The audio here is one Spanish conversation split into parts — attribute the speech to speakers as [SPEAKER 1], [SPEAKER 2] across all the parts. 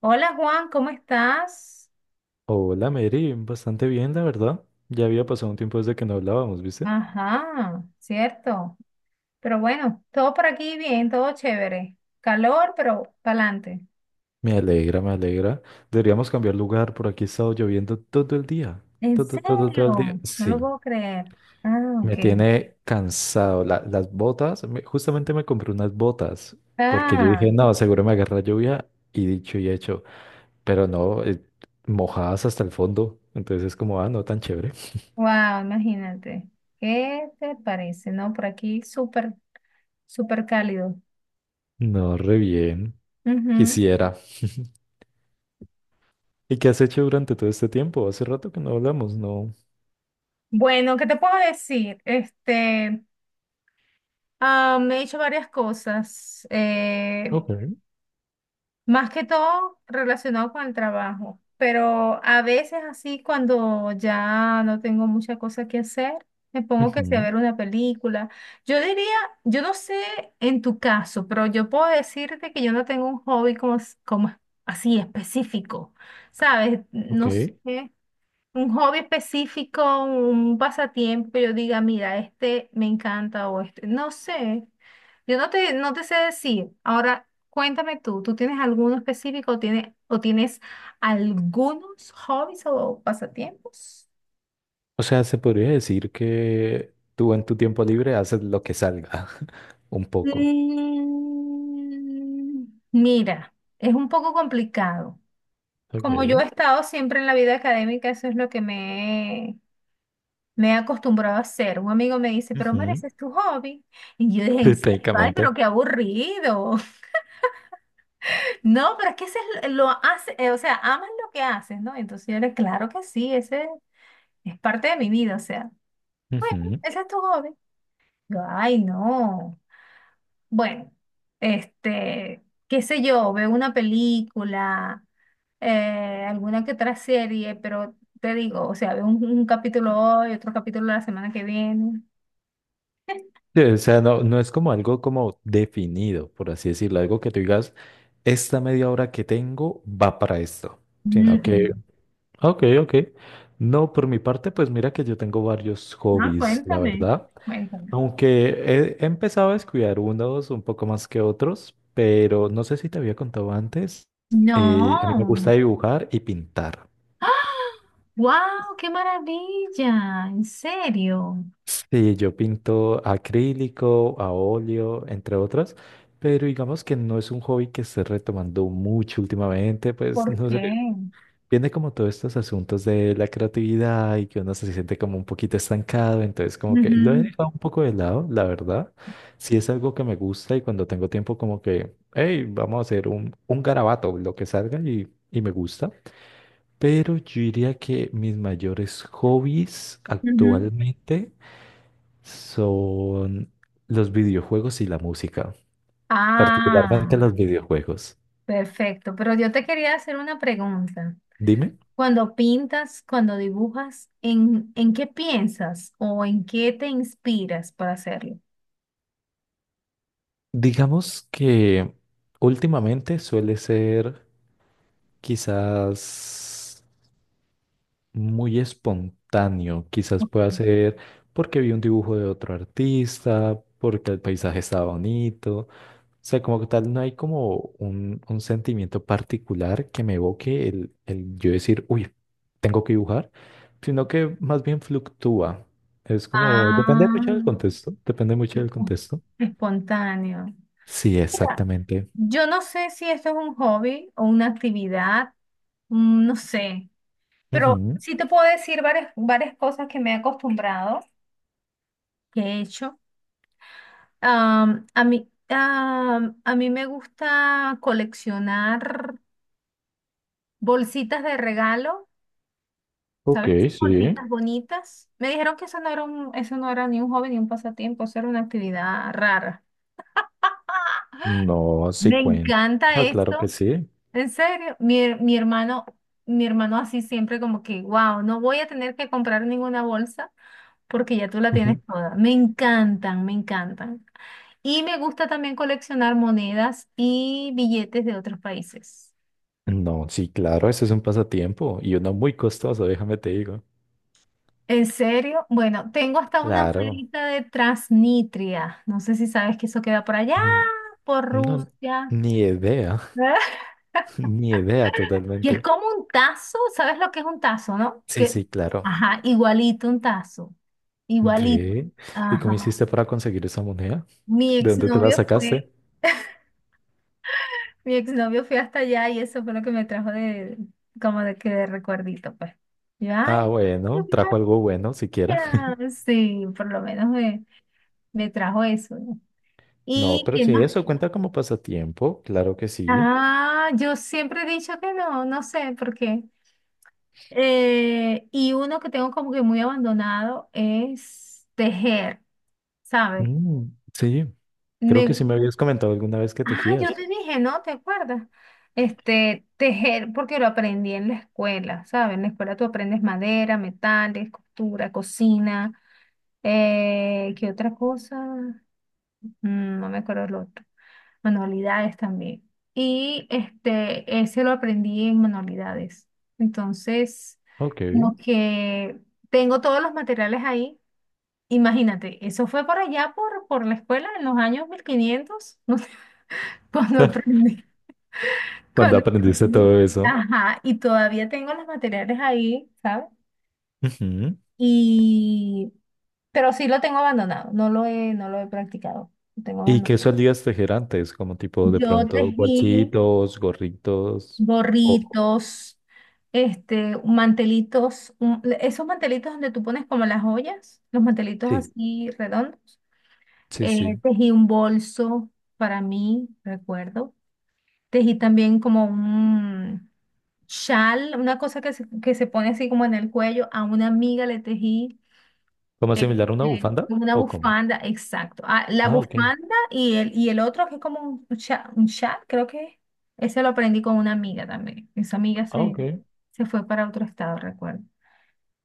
[SPEAKER 1] Hola Juan, ¿cómo estás?
[SPEAKER 2] Hola Mary, bastante bien, la verdad. Ya había pasado un tiempo desde que no hablábamos, ¿viste?
[SPEAKER 1] Ajá, cierto. Pero bueno, todo por aquí bien, todo chévere. Calor, pero pa'lante.
[SPEAKER 2] Me alegra, me alegra. Deberíamos cambiar lugar, por aquí ha estado lloviendo todo el día.
[SPEAKER 1] ¿En
[SPEAKER 2] Todo, todo, todo el día.
[SPEAKER 1] serio? No lo
[SPEAKER 2] Sí,
[SPEAKER 1] puedo creer. Ah, ok.
[SPEAKER 2] me tiene cansado. La- las botas, me- justamente me compré unas botas, porque yo
[SPEAKER 1] Ah,
[SPEAKER 2] dije, no, seguro me agarra lluvia, y dicho y hecho. Pero no, mojadas hasta el fondo. Entonces es como, ah, no tan chévere.
[SPEAKER 1] wow, imagínate. ¿Qué te parece? No, por aquí súper, súper cálido.
[SPEAKER 2] No, re bien.
[SPEAKER 1] Ujú.
[SPEAKER 2] Quisiera. ¿Y qué has hecho durante todo este tiempo? Hace rato que no hablamos, ¿no?
[SPEAKER 1] Bueno, ¿qué te puedo decir? Me he hecho varias cosas.
[SPEAKER 2] Ok.
[SPEAKER 1] Más que todo relacionado con el trabajo, pero a veces así cuando ya no tengo mucha cosa que hacer, me pongo que sea a
[SPEAKER 2] Ujú.
[SPEAKER 1] ver una película. Yo diría, yo no sé en tu caso, pero yo puedo decirte que yo no tengo un hobby como, como así específico, ¿sabes? No
[SPEAKER 2] Ok.
[SPEAKER 1] sé, un hobby específico, un pasatiempo, que yo diga, mira, este me encanta o este, no sé, yo no te sé decir. Ahora, cuéntame tú, ¿tú tienes alguno específico o o tienes algunos hobbies o pasatiempos?
[SPEAKER 2] O sea, se podría decir que tú en tu tiempo libre haces lo que salga, un poco.
[SPEAKER 1] Mm, Mira, es un poco complicado.
[SPEAKER 2] Ok.
[SPEAKER 1] Como yo he
[SPEAKER 2] Ujú.
[SPEAKER 1] estado siempre en la vida académica, eso es lo que me he acostumbrado a hacer. Un amigo me dice, pero Mara, ese es tu hobby. Y yo dije, en
[SPEAKER 2] Sí,
[SPEAKER 1] serio, ay,
[SPEAKER 2] técnicamente.
[SPEAKER 1] pero qué aburrido. No, pero es que ese es lo hace, o sea, amas lo que haces, ¿no? Entonces yo le, claro que sí, ese es parte de mi vida, o sea, bueno,
[SPEAKER 2] Ujú.
[SPEAKER 1] ese es tu hobby. Yo, ay, no. Bueno, este, qué sé yo, veo una película, alguna que otra serie, pero te digo, o sea, veo un capítulo hoy, otro capítulo la semana que viene.
[SPEAKER 2] Sí, o sea, no, no es como algo como definido, por así decirlo, algo que tú digas, esta media hora que tengo va para esto, sino que, ok, ok. No, por mi parte, pues mira que yo tengo varios
[SPEAKER 1] Ah,
[SPEAKER 2] hobbies, la
[SPEAKER 1] cuéntame,
[SPEAKER 2] verdad.
[SPEAKER 1] cuéntame.
[SPEAKER 2] Aunque he empezado a descuidar unos un poco más que otros, pero no sé si te había contado antes, a mí me gusta
[SPEAKER 1] No.
[SPEAKER 2] dibujar y pintar.
[SPEAKER 1] ¡Wow! ¡Qué maravilla! ¿En serio?
[SPEAKER 2] Sí, yo pinto a acrílico, a óleo, entre otras, pero digamos que no es un hobby que esté retomando mucho últimamente, pues
[SPEAKER 1] ¿Por
[SPEAKER 2] no sé,
[SPEAKER 1] qué?
[SPEAKER 2] viene como todos estos asuntos de la creatividad y que uno se siente como un poquito estancado, entonces como que lo he
[SPEAKER 1] Ujú,
[SPEAKER 2] dejado un poco de lado, la verdad. Si es algo que me gusta y cuando tengo tiempo como que, hey, vamos a hacer un garabato, lo que salga y me gusta. Pero yo diría que mis mayores hobbies
[SPEAKER 1] ujú.
[SPEAKER 2] actualmente son los videojuegos y la música,
[SPEAKER 1] Ah,
[SPEAKER 2] particularmente los videojuegos.
[SPEAKER 1] Perfecto. Pero yo te quería hacer una pregunta.
[SPEAKER 2] Dime,
[SPEAKER 1] Cuando pintas, cuando dibujas, en qué piensas o en qué te inspiras para hacerlo?
[SPEAKER 2] digamos que últimamente suele ser quizás muy espontáneo, quizás pueda ser porque vi un dibujo de otro artista, porque el paisaje estaba bonito. O sea, como que tal, no hay como un sentimiento particular que me evoque el yo decir, uy, tengo que dibujar, sino que más bien fluctúa. Es como, depende mucho del
[SPEAKER 1] Ah.
[SPEAKER 2] contexto, depende mucho del contexto.
[SPEAKER 1] Espontáneo.
[SPEAKER 2] Sí,
[SPEAKER 1] Mira,
[SPEAKER 2] exactamente.
[SPEAKER 1] yo no sé si esto es un hobby o una actividad, mm, no sé, pero
[SPEAKER 2] Ujú.
[SPEAKER 1] sí te puedo decir varias, varias cosas que me he acostumbrado, que he hecho. A mí, a mí me gusta coleccionar bolsitas de regalo,
[SPEAKER 2] Ok,
[SPEAKER 1] ¿sabes? Esas
[SPEAKER 2] sí.
[SPEAKER 1] bolsitas bonitas. Me dijeron que eso no era un, eso no era ni un hobby ni un pasatiempo, eso era una actividad rara.
[SPEAKER 2] No, sí
[SPEAKER 1] Me
[SPEAKER 2] cuenta.
[SPEAKER 1] encanta
[SPEAKER 2] Ah, claro que
[SPEAKER 1] esto.
[SPEAKER 2] sí.
[SPEAKER 1] En serio, mi hermano así siempre como que, wow, no voy a tener que comprar ninguna bolsa porque ya tú la tienes
[SPEAKER 2] Ujú.
[SPEAKER 1] toda. Me encantan, me encantan. Y me gusta también coleccionar monedas y billetes de otros países.
[SPEAKER 2] No, sí, claro, eso es un pasatiempo y uno muy costoso, déjame te digo.
[SPEAKER 1] ¿En serio? Bueno, tengo hasta una
[SPEAKER 2] Claro.
[SPEAKER 1] monedita de Transnitria. No sé si sabes que eso queda por allá,
[SPEAKER 2] Mm.
[SPEAKER 1] por
[SPEAKER 2] No,
[SPEAKER 1] Rusia.
[SPEAKER 2] ni idea, ni idea
[SPEAKER 1] Y es
[SPEAKER 2] totalmente.
[SPEAKER 1] como un tazo, ¿sabes lo que es un tazo, no?
[SPEAKER 2] Sí,
[SPEAKER 1] Que,
[SPEAKER 2] sí, claro.
[SPEAKER 1] ajá, igualito un tazo, igualito.
[SPEAKER 2] Ve, ¿y cómo
[SPEAKER 1] Ajá.
[SPEAKER 2] hiciste para conseguir esa moneda?
[SPEAKER 1] Mi
[SPEAKER 2] ¿De dónde te la
[SPEAKER 1] exnovio
[SPEAKER 2] sacaste?
[SPEAKER 1] fue, Mi exnovio fue hasta allá y eso fue lo que me trajo de, como de que de recuerdito, pues. Y yo,
[SPEAKER 2] Ah,
[SPEAKER 1] ay, qué
[SPEAKER 2] bueno, trajo algo bueno siquiera.
[SPEAKER 1] gracias. Sí, por lo menos me trajo eso, ¿no?
[SPEAKER 2] No,
[SPEAKER 1] ¿Y
[SPEAKER 2] pero
[SPEAKER 1] qué
[SPEAKER 2] sí,
[SPEAKER 1] más?
[SPEAKER 2] eso cuenta como pasatiempo, claro que sí.
[SPEAKER 1] Ah, yo siempre he dicho que no, no sé por qué. Y uno que tengo como que muy abandonado es tejer. ¿Sabes?
[SPEAKER 2] Mm, sí, creo que sí
[SPEAKER 1] Me...
[SPEAKER 2] me habías comentado alguna vez que
[SPEAKER 1] Ah, yo
[SPEAKER 2] tejías.
[SPEAKER 1] te dije, ¿no? ¿Te acuerdas? Este, tejer, porque lo aprendí en la escuela, ¿sabes? En la escuela tú aprendes madera, metales, costura, cocina, ¿qué otra cosa? Mm, no me acuerdo el otro. Manualidades también. Y este, ese lo aprendí en manualidades. Entonces,
[SPEAKER 2] Ok.
[SPEAKER 1] lo que tengo todos los materiales ahí. Imagínate, eso fue por allá, por la escuela, en los años 1500 cuando aprendí,
[SPEAKER 2] ¿Cuando
[SPEAKER 1] cuando
[SPEAKER 2] aprendiste
[SPEAKER 1] aprendí.
[SPEAKER 2] todo eso?
[SPEAKER 1] Ajá, y todavía tengo los materiales ahí, ¿sabes?
[SPEAKER 2] Ujú.
[SPEAKER 1] Y, pero sí lo tengo abandonado, no lo he practicado, lo tengo
[SPEAKER 2] ¿Y qué
[SPEAKER 1] abandonado.
[SPEAKER 2] solías tejer antes? Como tipo de
[SPEAKER 1] Yo
[SPEAKER 2] pronto
[SPEAKER 1] tejí
[SPEAKER 2] bolsitos, gorritos o...
[SPEAKER 1] gorritos, este, mantelitos, esos mantelitos donde tú pones como las joyas, los mantelitos
[SPEAKER 2] Sí,
[SPEAKER 1] así redondos.
[SPEAKER 2] sí, sí.
[SPEAKER 1] Tejí un bolso para mí, recuerdo. Tejí también como chal, una cosa que se pone así como en el cuello, a una amiga le tejí
[SPEAKER 2] ¿Como similar a una
[SPEAKER 1] este,
[SPEAKER 2] bufanda
[SPEAKER 1] como una
[SPEAKER 2] o cómo?
[SPEAKER 1] bufanda, exacto. Ah, la
[SPEAKER 2] Ah, ok.
[SPEAKER 1] bufanda y y el otro que es como un chal, creo que es. Ese lo aprendí con una amiga también. Esa amiga
[SPEAKER 2] Ah, ok.
[SPEAKER 1] se fue para otro estado, recuerdo.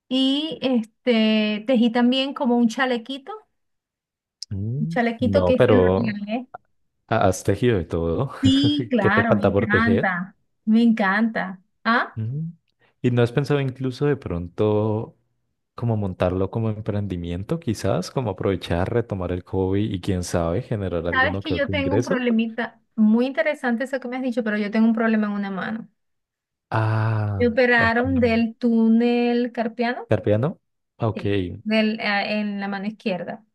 [SPEAKER 1] Y este, tejí también como un
[SPEAKER 2] Mm,
[SPEAKER 1] chalequito
[SPEAKER 2] no,
[SPEAKER 1] que se lo
[SPEAKER 2] pero
[SPEAKER 1] regalé.
[SPEAKER 2] has tejido de todo.
[SPEAKER 1] Sí,
[SPEAKER 2] ¿Qué te
[SPEAKER 1] claro, me
[SPEAKER 2] falta por tejer?
[SPEAKER 1] encanta, me encanta. ¿Ah?
[SPEAKER 2] Mm. ¿Y no has pensado incluso de pronto como montarlo como emprendimiento, quizás, como aprovechar, retomar el hobby y quién sabe, generar
[SPEAKER 1] Sabes
[SPEAKER 2] alguno
[SPEAKER 1] que
[SPEAKER 2] que
[SPEAKER 1] yo
[SPEAKER 2] otro
[SPEAKER 1] tengo un
[SPEAKER 2] ingreso?
[SPEAKER 1] problemita muy interesante eso que me has dicho, pero yo tengo un problema en una mano. Me
[SPEAKER 2] Ah, ok.
[SPEAKER 1] operaron del túnel carpiano,
[SPEAKER 2] ¿Carpeano? Ok.
[SPEAKER 1] sí, en la mano izquierda.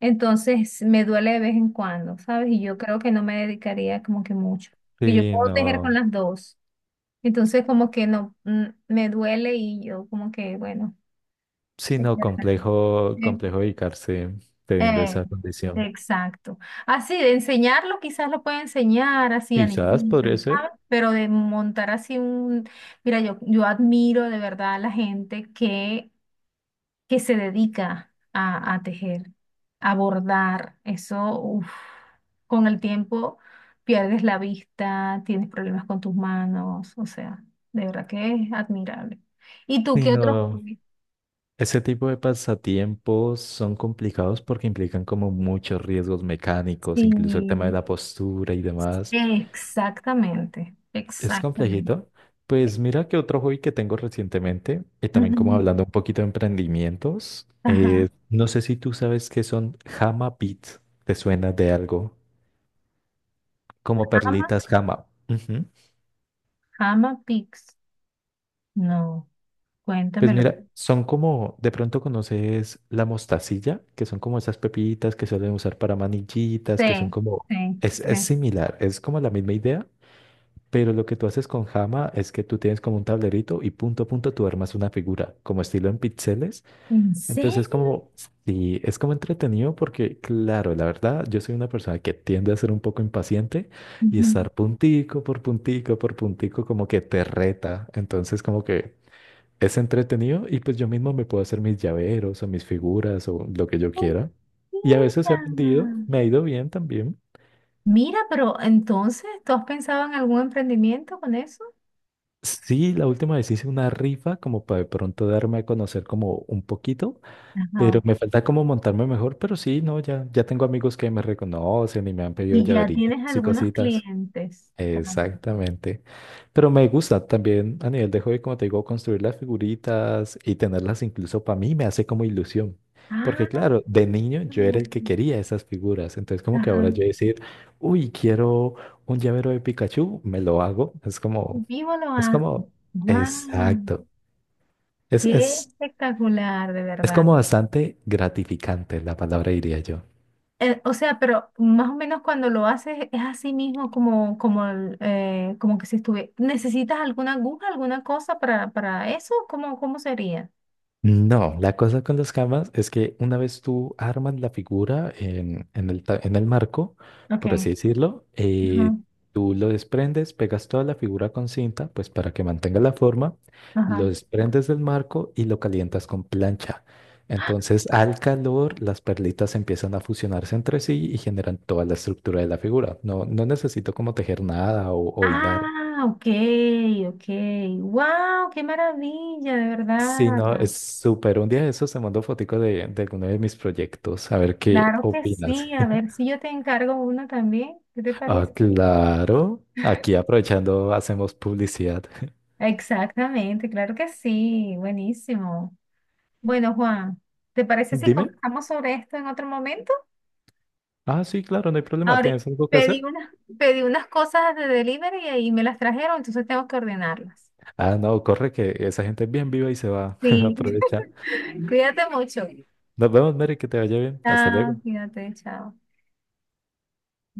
[SPEAKER 1] Entonces me duele de vez en cuando, ¿sabes? Y yo creo que no me dedicaría como que mucho. Que yo
[SPEAKER 2] Sí,
[SPEAKER 1] puedo tejer con
[SPEAKER 2] no,
[SPEAKER 1] las dos. Entonces como que no, mm, me duele y yo como que, bueno,
[SPEAKER 2] sí,
[SPEAKER 1] se
[SPEAKER 2] no,
[SPEAKER 1] queda.
[SPEAKER 2] complejo, complejo dedicarse teniendo
[SPEAKER 1] Eh,
[SPEAKER 2] esa condición.
[SPEAKER 1] exacto. Así, de enseñarlo, quizás lo puede enseñar así a
[SPEAKER 2] Quizás
[SPEAKER 1] niñitas,
[SPEAKER 2] podría ser.
[SPEAKER 1] ¿sabes? Pero de montar así un... Mira, yo admiro de verdad a la gente que se dedica a tejer, a bordar. Eso, uf, con el tiempo pierdes la vista, tienes problemas con tus manos, o sea, de verdad que es admirable. ¿Y tú
[SPEAKER 2] Sí,
[SPEAKER 1] qué otros
[SPEAKER 2] no,
[SPEAKER 1] hobbies?
[SPEAKER 2] ese tipo de pasatiempos son complicados porque implican como muchos riesgos mecánicos, incluso el tema de
[SPEAKER 1] Sí.
[SPEAKER 2] la postura y demás.
[SPEAKER 1] Exactamente,
[SPEAKER 2] Es
[SPEAKER 1] exactamente.
[SPEAKER 2] complejito. Pues mira que otro hobby que tengo recientemente, y también como
[SPEAKER 1] Ujú.
[SPEAKER 2] hablando un poquito de emprendimientos,
[SPEAKER 1] Ajá.
[SPEAKER 2] no sé si tú sabes qué son Hama Beats, ¿te suena de algo? Como
[SPEAKER 1] Ama,
[SPEAKER 2] perlitas Hama.
[SPEAKER 1] ama Pix. No,
[SPEAKER 2] Pues
[SPEAKER 1] cuéntamelo.
[SPEAKER 2] mira, son como, de pronto conoces la mostacilla, que son como esas pepitas que suelen usar para manillitas, que son
[SPEAKER 1] Sí,
[SPEAKER 2] como,
[SPEAKER 1] sí,
[SPEAKER 2] es
[SPEAKER 1] sí.
[SPEAKER 2] similar, es como la misma idea, pero lo que tú haces con Jama es que tú tienes como un tablerito y punto a punto tú armas una figura, como estilo en píxeles.
[SPEAKER 1] ¿En
[SPEAKER 2] Entonces es
[SPEAKER 1] serio?
[SPEAKER 2] como, sí, es como entretenido porque, claro, la verdad, yo soy una persona que tiende a ser un poco impaciente y
[SPEAKER 1] Ujú.
[SPEAKER 2] estar puntico por puntico por puntico como que te reta. Entonces como que... Es entretenido y pues yo mismo me puedo hacer mis llaveros o mis figuras o lo que yo quiera. Y a veces
[SPEAKER 1] Mira,
[SPEAKER 2] he vendido, me ha ido bien también.
[SPEAKER 1] mira, pero entonces, ¿tú has pensado en algún emprendimiento con eso?
[SPEAKER 2] Sí, la última vez hice una rifa como para de pronto darme a conocer como un poquito, pero
[SPEAKER 1] Ajá.
[SPEAKER 2] me falta como montarme mejor, pero sí, no, ya, ya tengo amigos que me reconocen y me han pedido
[SPEAKER 1] Y ya tienes
[SPEAKER 2] llaveritos y
[SPEAKER 1] algunos
[SPEAKER 2] cositas.
[SPEAKER 1] clientes.
[SPEAKER 2] Exactamente. Pero me gusta también a nivel de hobby, como te digo, construir las figuritas y tenerlas incluso para mí me hace como ilusión. Porque
[SPEAKER 1] Ah,
[SPEAKER 2] claro, de niño yo
[SPEAKER 1] mira,
[SPEAKER 2] era el que quería esas figuras. Entonces como que ahora
[SPEAKER 1] ajá.
[SPEAKER 2] yo decir, uy, quiero un llavero de Pikachu, me lo hago.
[SPEAKER 1] Vivo lo
[SPEAKER 2] Es
[SPEAKER 1] hace.
[SPEAKER 2] como,
[SPEAKER 1] Guau.
[SPEAKER 2] exacto. Es,
[SPEAKER 1] Qué
[SPEAKER 2] es,
[SPEAKER 1] espectacular, de
[SPEAKER 2] es
[SPEAKER 1] verdad.
[SPEAKER 2] como bastante gratificante la palabra, diría yo.
[SPEAKER 1] O sea, pero más o menos cuando lo haces es así mismo como, como, como que si estuve. ¿Necesitas alguna aguja, alguna cosa para eso? ¿Cómo, cómo sería?
[SPEAKER 2] No, la cosa con las camas es que una vez tú armas la figura en el, en el marco,
[SPEAKER 1] Ok.
[SPEAKER 2] por así decirlo,
[SPEAKER 1] Ajá,
[SPEAKER 2] tú lo desprendes, pegas toda la figura con cinta, pues para que mantenga la forma, lo
[SPEAKER 1] ajá.
[SPEAKER 2] desprendes del marco y lo calientas con plancha. Entonces, al calor, las perlitas empiezan a fusionarse entre sí y generan toda la estructura de la figura. No, no necesito como tejer nada o hilar.
[SPEAKER 1] Ah, ok, ok. Wow, qué maravilla, de
[SPEAKER 2] Sí,
[SPEAKER 1] verdad.
[SPEAKER 2] no, es súper. Un día de esos se mandó fotico de alguno de mis proyectos, a ver qué
[SPEAKER 1] Claro que
[SPEAKER 2] opinas.
[SPEAKER 1] sí. A ver si yo te encargo una también. ¿Qué te
[SPEAKER 2] Ah,
[SPEAKER 1] parece?
[SPEAKER 2] claro. Aquí aprovechando, hacemos publicidad.
[SPEAKER 1] Exactamente, claro que sí. Buenísimo. Bueno, Juan, ¿te parece si
[SPEAKER 2] Dime.
[SPEAKER 1] conversamos sobre esto en otro momento?
[SPEAKER 2] Ah, sí, claro, no hay problema.
[SPEAKER 1] Ahorita
[SPEAKER 2] ¿Tienes algo que
[SPEAKER 1] pedí
[SPEAKER 2] hacer?
[SPEAKER 1] unas, pedí unas cosas de delivery y ahí me las trajeron, entonces tengo que ordenarlas.
[SPEAKER 2] Ah, no, corre que esa gente es bien viva y se va.
[SPEAKER 1] Sí,
[SPEAKER 2] Aprovecha.
[SPEAKER 1] cuídate mucho.
[SPEAKER 2] Nos vemos, Mary, que te vaya bien. Hasta
[SPEAKER 1] Chao,
[SPEAKER 2] luego.
[SPEAKER 1] cuídate, chao.